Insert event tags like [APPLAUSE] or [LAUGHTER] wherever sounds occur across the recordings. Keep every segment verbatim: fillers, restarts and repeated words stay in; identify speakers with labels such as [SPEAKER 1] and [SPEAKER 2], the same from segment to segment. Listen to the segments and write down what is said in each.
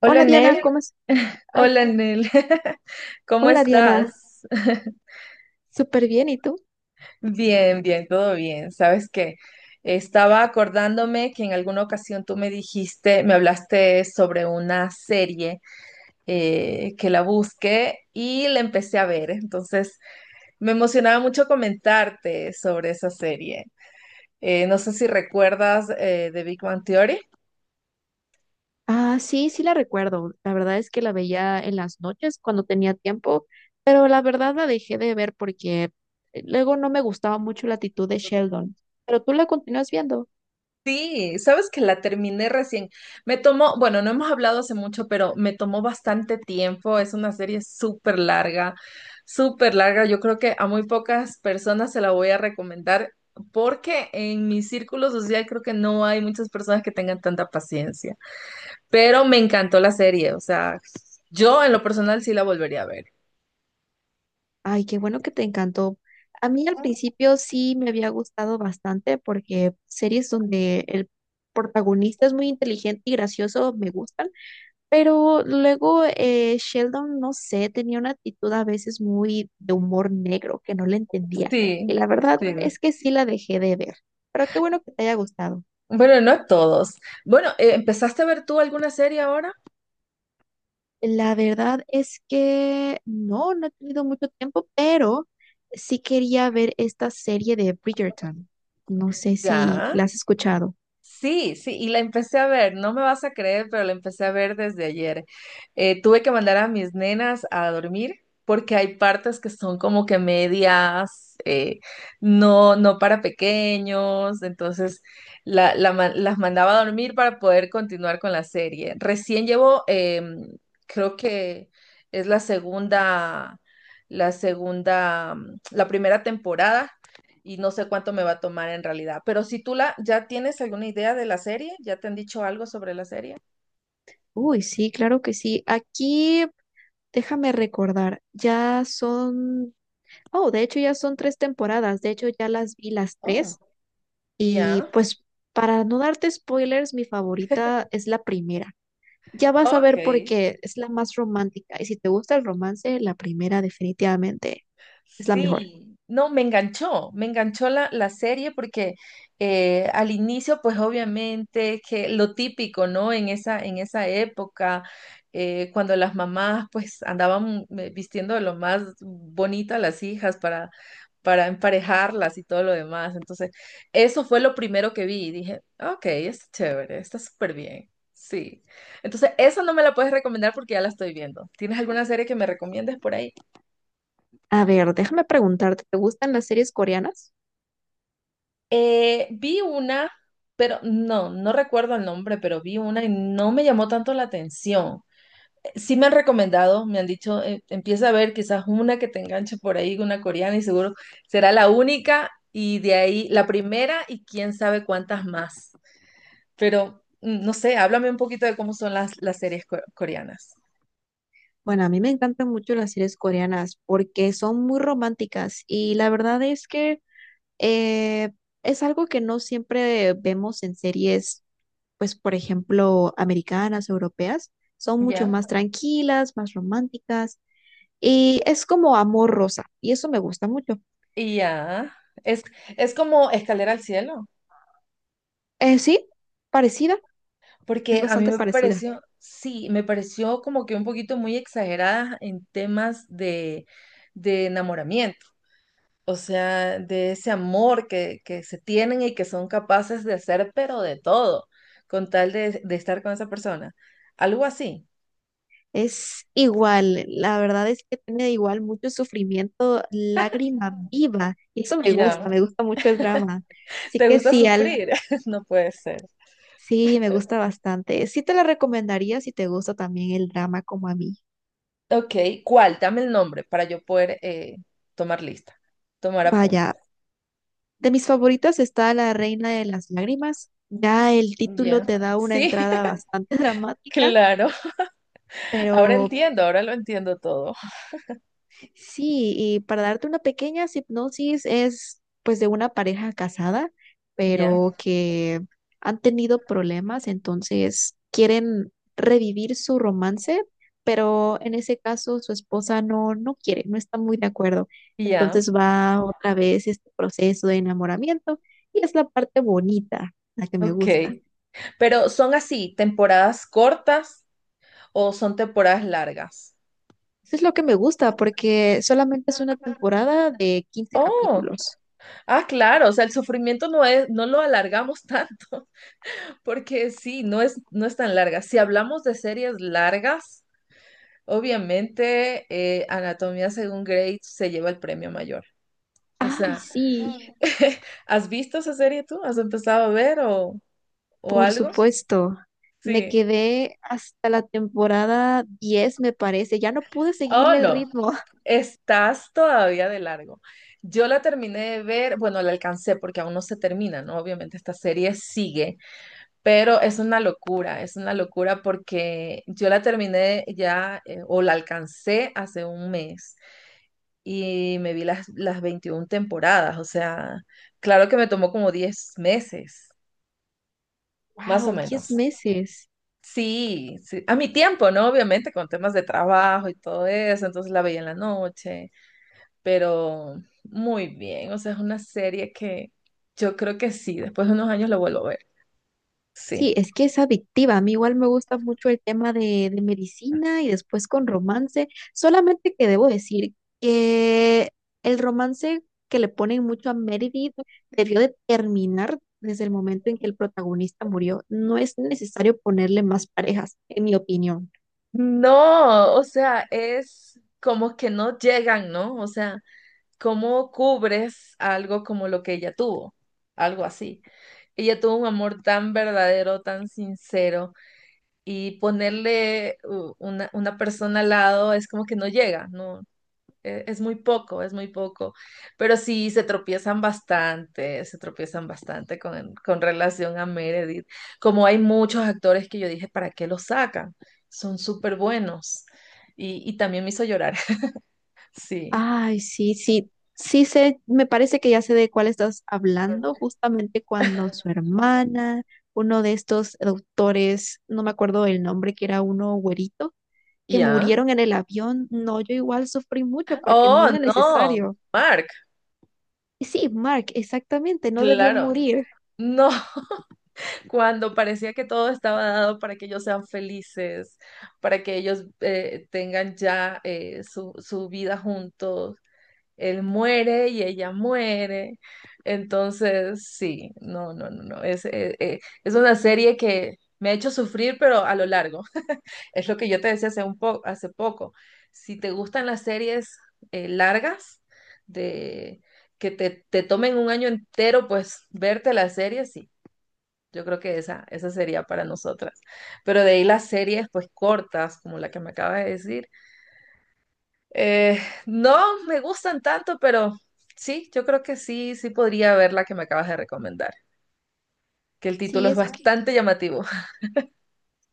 [SPEAKER 1] Hola
[SPEAKER 2] Hola Diana,
[SPEAKER 1] Nel,
[SPEAKER 2] ¿cómo es?
[SPEAKER 1] [LAUGHS]
[SPEAKER 2] Ay,
[SPEAKER 1] hola Nel, [LAUGHS] ¿cómo
[SPEAKER 2] hola Diana,
[SPEAKER 1] estás? [LAUGHS]
[SPEAKER 2] súper bien, ¿y tú?
[SPEAKER 1] Bien, bien, todo bien. ¿Sabes qué? Estaba acordándome que en alguna ocasión tú me dijiste, me hablaste sobre una serie eh, que la busqué y la empecé a ver. Entonces me emocionaba mucho comentarte sobre esa serie. Eh, no sé si recuerdas eh, The Big Bang Theory.
[SPEAKER 2] Ah, sí, sí la recuerdo. La verdad es que la veía en las noches cuando tenía tiempo, pero la verdad la dejé de ver porque eh, luego no me gustaba mucho la actitud de Sheldon. Pero tú la continúas viendo.
[SPEAKER 1] Sí, sabes que la terminé recién. Me tomó, bueno, no hemos hablado hace mucho, pero me tomó bastante tiempo. Es una serie súper larga, súper larga. Yo creo que a muy pocas personas se la voy a recomendar porque en mi círculo social creo que no hay muchas personas que tengan tanta paciencia. Pero me encantó la serie, o sea, yo en lo personal sí la volvería a ver.
[SPEAKER 2] Ay, qué bueno que te encantó. A mí al principio sí me había gustado bastante porque series donde el protagonista es muy inteligente y gracioso me gustan. Pero luego, eh, Sheldon, no sé, tenía una actitud a veces muy de humor negro que no le entendía. Y
[SPEAKER 1] Sí,
[SPEAKER 2] la verdad
[SPEAKER 1] sí.
[SPEAKER 2] es que sí la dejé de ver. Pero qué bueno que te haya gustado.
[SPEAKER 1] Bueno, no todos. Bueno, eh, ¿empezaste a ver tú alguna serie ahora?
[SPEAKER 2] La verdad es que no, no he tenido mucho tiempo, pero sí quería ver esta serie de Bridgerton. No sé si
[SPEAKER 1] Ya.
[SPEAKER 2] la has escuchado.
[SPEAKER 1] Sí, sí, y la empecé a ver, no me vas a creer, pero la empecé a ver desde ayer. Eh, tuve que mandar a mis nenas a dormir porque hay partes que son como que medias, eh, no, no para pequeños, entonces la- la ma- las mandaba a dormir para poder continuar con la serie. Recién llevo, em, creo que es la segunda, la segunda, la primera temporada y no sé cuánto me va a tomar en realidad. Pero si tú la, ya tienes alguna idea de la serie, ya te han dicho algo sobre la serie.
[SPEAKER 2] Uy, sí, claro que sí. Aquí, déjame recordar, ya son, oh, de hecho ya son tres temporadas. De hecho, ya las vi las
[SPEAKER 1] Oh,
[SPEAKER 2] tres. Y
[SPEAKER 1] ya.
[SPEAKER 2] pues para no darte spoilers, mi favorita es la primera. Ya vas a
[SPEAKER 1] Ok.
[SPEAKER 2] ver por qué es la más romántica. Y si te gusta el romance, la primera definitivamente es la mejor.
[SPEAKER 1] Sí, no, me enganchó, me enganchó la, la serie porque eh, al inicio, pues obviamente que lo típico, ¿no? En esa, en esa época, eh, cuando las mamás pues andaban eh, vistiendo de lo más bonito a las hijas para, para emparejarlas y todo lo demás. Entonces, eso fue lo primero que vi y dije, ok, es chévere, está súper bien. Sí. Entonces, esa no me la puedes recomendar porque ya la estoy viendo. ¿Tienes alguna serie que me recomiendes por ahí?
[SPEAKER 2] A ver, déjame preguntarte, ¿te gustan las series coreanas?
[SPEAKER 1] Eh, vi una, pero no, no recuerdo el nombre, pero vi una y no me llamó tanto la atención. Eh, Sí me han recomendado, me han dicho, eh, empieza a ver quizás una que te enganche por ahí, una coreana y seguro será la única y de ahí la primera y quién sabe cuántas más. Pero mm, no sé, háblame un poquito de cómo son las, las series co- coreanas.
[SPEAKER 2] Bueno, a mí me encantan mucho las series coreanas porque son muy románticas y la verdad es que eh, es algo que no siempre vemos en series, pues por ejemplo, americanas, europeas. Son mucho
[SPEAKER 1] Ya.
[SPEAKER 2] más tranquilas, más románticas. Y es como amor rosa, y eso me gusta mucho.
[SPEAKER 1] Y ya, es, es como Escalera al Cielo.
[SPEAKER 2] Eh, sí, parecida, es
[SPEAKER 1] Porque a Es mí me
[SPEAKER 2] bastante
[SPEAKER 1] bastante fuerte.
[SPEAKER 2] parecida.
[SPEAKER 1] Pareció, sí, me pareció como que un poquito muy exagerada en temas de, de enamoramiento, o sea, de ese amor que, que se tienen y que son capaces de hacer, pero de todo, con tal de, de estar con esa persona. Algo así.
[SPEAKER 2] Es igual, la verdad es que tiene igual mucho sufrimiento, lágrima viva, y eso me
[SPEAKER 1] Y
[SPEAKER 2] gusta,
[SPEAKER 1] ya.
[SPEAKER 2] me gusta mucho el drama. Así
[SPEAKER 1] ¿Te
[SPEAKER 2] que
[SPEAKER 1] gusta
[SPEAKER 2] sí, al,
[SPEAKER 1] sufrir? [LAUGHS] No puede ser.
[SPEAKER 2] sí, me gusta bastante. Sí te la recomendaría si te gusta también el drama como a mí.
[SPEAKER 1] Ok, ¿cuál? Dame el nombre para yo poder eh, tomar lista, tomar apunte.
[SPEAKER 2] Vaya, de mis favoritas está La Reina de las Lágrimas. Ya el título
[SPEAKER 1] Ya.
[SPEAKER 2] te da una
[SPEAKER 1] Sí,
[SPEAKER 2] entrada
[SPEAKER 1] [LAUGHS]
[SPEAKER 2] bastante [LAUGHS] dramática,
[SPEAKER 1] claro. Ahora
[SPEAKER 2] pero
[SPEAKER 1] entiendo, ahora lo entiendo todo.
[SPEAKER 2] sí, y para darte una pequeña hipnosis es pues de una pareja casada,
[SPEAKER 1] Ya.
[SPEAKER 2] pero que han tenido problemas, entonces quieren revivir su romance, pero en ese caso su esposa no, no quiere, no está muy de acuerdo.
[SPEAKER 1] Ya,
[SPEAKER 2] Entonces va otra vez este proceso de enamoramiento y es la parte bonita, la que me
[SPEAKER 1] ok.
[SPEAKER 2] gusta.
[SPEAKER 1] Pero ¿son así temporadas cortas o son temporadas largas?
[SPEAKER 2] Eso es lo que me gusta porque solamente es una temporada de quince
[SPEAKER 1] Oh,
[SPEAKER 2] capítulos.
[SPEAKER 1] ah, claro, o sea, el sufrimiento no es, no lo alargamos tanto, [LAUGHS] porque sí, no es, no es tan larga. Si hablamos de series largas, obviamente eh, Anatomía según Grey se lleva el premio mayor. O
[SPEAKER 2] Ay,
[SPEAKER 1] sea,
[SPEAKER 2] sí.
[SPEAKER 1] ¿has visto esa serie tú? ¿Has empezado a ver o, o
[SPEAKER 2] Por
[SPEAKER 1] algo?
[SPEAKER 2] supuesto, me
[SPEAKER 1] Sí.
[SPEAKER 2] quedé hasta la temporada diez, me parece. Ya no pude
[SPEAKER 1] Oh,
[SPEAKER 2] seguirle el
[SPEAKER 1] no.
[SPEAKER 2] ritmo. [LAUGHS]
[SPEAKER 1] Estás todavía de largo. Yo la terminé de ver, bueno, la alcancé porque aún no se termina, ¿no? Obviamente esta serie sigue, pero es una locura, es una locura porque yo la terminé ya eh, o la alcancé hace un mes y me vi las, las veintiún temporadas, o sea, claro que me tomó como diez meses, más o
[SPEAKER 2] Wow, Diez
[SPEAKER 1] menos.
[SPEAKER 2] meses.
[SPEAKER 1] Sí, sí, a mi tiempo, ¿no? Obviamente con temas de trabajo y todo eso, entonces la veía en la noche pero muy bien. O sea, es una serie que yo creo que sí, después de unos años la vuelvo a ver. Sí.
[SPEAKER 2] Sí, es que es adictiva. A mí igual me gusta mucho el tema de, de medicina y después con romance. Solamente que debo decir que el romance que le ponen mucho a Meredith debió de terminar desde el momento en que el protagonista murió. No es necesario ponerle más parejas, en mi opinión.
[SPEAKER 1] No, o sea, es como que no llegan, ¿no? O sea, ¿cómo cubres algo como lo que ella tuvo? Algo así. Ella tuvo un amor tan verdadero, tan sincero, y ponerle uh, una, una persona al lado es como que no llega, no, e- es muy poco, es muy poco, pero sí se tropiezan bastante, se tropiezan bastante con, con relación a Meredith. Como hay muchos actores que yo dije, ¿para qué los sacan? Son súper buenos. Y, y también me hizo llorar, [LAUGHS] sí.
[SPEAKER 2] Ay, sí, sí, sí sé, me parece que ya sé de cuál estás hablando, justamente cuando su hermana, uno de estos doctores, no me acuerdo el nombre, que era uno güerito, que
[SPEAKER 1] ¿Ya?
[SPEAKER 2] murieron en el avión. No, yo igual sufrí mucho porque no
[SPEAKER 1] Oh,
[SPEAKER 2] era
[SPEAKER 1] no,
[SPEAKER 2] necesario.
[SPEAKER 1] Mark,
[SPEAKER 2] Y sí, Mark, exactamente, no debió
[SPEAKER 1] claro.
[SPEAKER 2] morir.
[SPEAKER 1] No, [LAUGHS] cuando parecía que todo estaba dado para que ellos sean felices, para que ellos eh, tengan ya eh, su, su vida juntos él muere y ella muere. Entonces, sí, no, no, no, no. Es, eh, eh, es una serie que me ha hecho sufrir, pero a lo largo. [LAUGHS] Es lo que yo te decía hace un po- hace poco. Si te gustan las series eh, largas, de que te, te tomen un año entero, pues verte la serie, sí. Yo creo que esa, esa sería para nosotras. Pero de ahí las series, pues cortas, como la que me acabas de decir eh, no me gustan tanto, pero sí, yo creo que sí, sí podría ver la que me acabas de recomendar, que el título
[SPEAKER 2] Sí,
[SPEAKER 1] es
[SPEAKER 2] es que,
[SPEAKER 1] bastante llamativo. [LAUGHS]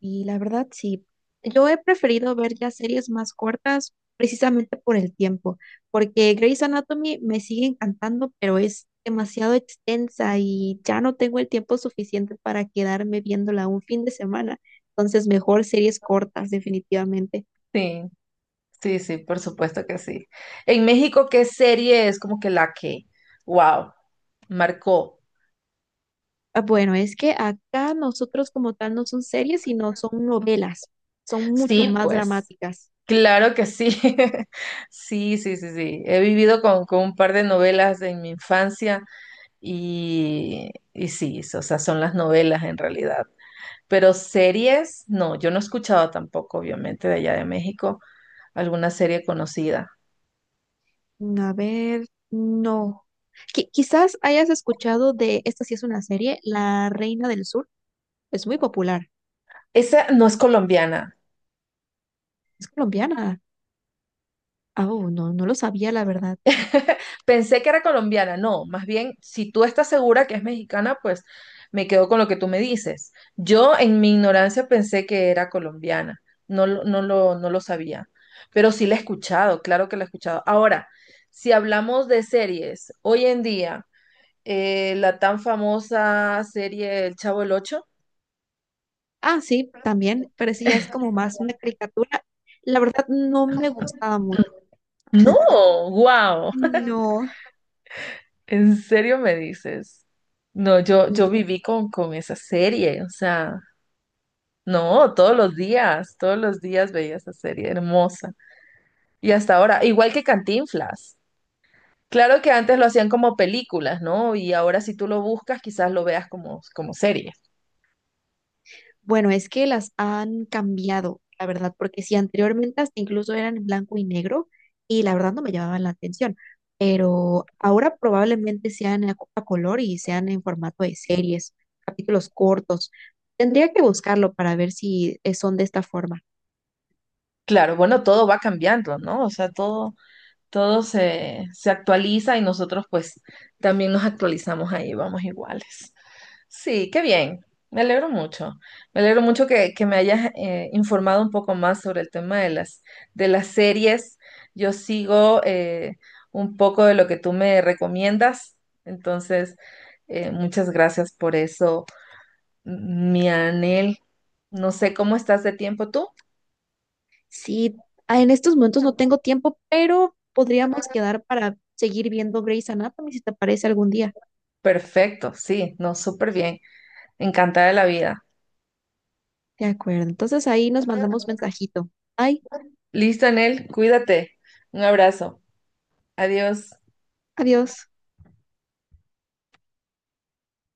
[SPEAKER 2] y la verdad, sí. Yo he preferido ver ya series más cortas precisamente por el tiempo, porque Grey's Anatomy me sigue encantando, pero es demasiado extensa y ya no tengo el tiempo suficiente para quedarme viéndola un fin de semana. Entonces, mejor series cortas, definitivamente.
[SPEAKER 1] Sí, sí, sí, por supuesto que sí. En México, ¿qué serie es como que la que, wow, marcó?
[SPEAKER 2] Ah, bueno, es que acá nosotros como tal no son series, sino son novelas. Son mucho
[SPEAKER 1] Sí,
[SPEAKER 2] más
[SPEAKER 1] pues,
[SPEAKER 2] dramáticas.
[SPEAKER 1] claro que sí. [LAUGHS] Sí, sí, sí, sí. He vivido con, con un par de novelas en mi infancia y, y sí, o sea, son las novelas en realidad. Pero series, no, yo no he escuchado tampoco, obviamente, de allá de México, alguna serie conocida.
[SPEAKER 2] A ver, no. Qui- quizás hayas escuchado de, esta sí es una serie, La Reina del Sur. Es muy popular.
[SPEAKER 1] Esa no es colombiana.
[SPEAKER 2] Es colombiana. Ah, oh, no, no lo sabía, la verdad.
[SPEAKER 1] [LAUGHS] Pensé que era colombiana, no, más bien, si tú estás segura que es mexicana, pues me quedo con lo que tú me dices. Yo en mi ignorancia pensé que era colombiana, no, lo- no lo, no lo sabía, pero sí la he escuchado, claro que la he escuchado. Ahora, si hablamos de series, hoy en día, eh, la tan famosa serie El Chavo el Ocho.
[SPEAKER 2] Ah, sí, también, pero sí, ya es como más una caricatura. La verdad, no me gustaba mucho.
[SPEAKER 1] No, wow, [LAUGHS]
[SPEAKER 2] No.
[SPEAKER 1] ¿en serio me dices? No, yo, yo viví con, con esa serie, o sea, no, todos los días, todos los días veía esa serie hermosa. Y hasta ahora, igual que Cantinflas. Claro que antes lo hacían como películas, ¿no? Y ahora si tú lo buscas, quizás lo veas como, como serie.
[SPEAKER 2] Bueno, es que las han cambiado, la verdad, porque si anteriormente hasta incluso eran en blanco y negro y la verdad no me llamaban la atención, pero ahora probablemente sean a, co- a color y sean en formato de series, capítulos cortos. Tendría que buscarlo para ver si eh, son de esta forma.
[SPEAKER 1] Claro, bueno, todo va cambiando, ¿no? O sea, todo, todo se, se actualiza y nosotros pues también nos actualizamos ahí, vamos iguales. Sí, qué bien. Me alegro mucho. Me alegro mucho que, que me hayas eh, informado un poco más sobre el tema de las, de las series. Yo sigo eh, un poco de lo que tú me recomiendas. Entonces, eh, muchas gracias por eso, mi Anel. No sé cómo estás de tiempo tú.
[SPEAKER 2] Sí, ah, en estos momentos no tengo tiempo, pero podríamos quedar para seguir viendo Grey's Anatomy si te parece algún día.
[SPEAKER 1] Perfecto, sí, no, súper bien. Encantada de la vida.
[SPEAKER 2] De acuerdo, entonces ahí nos mandamos mensajito. Bye,
[SPEAKER 1] Listo, Anel, cuídate. Un abrazo. Adiós.
[SPEAKER 2] adiós.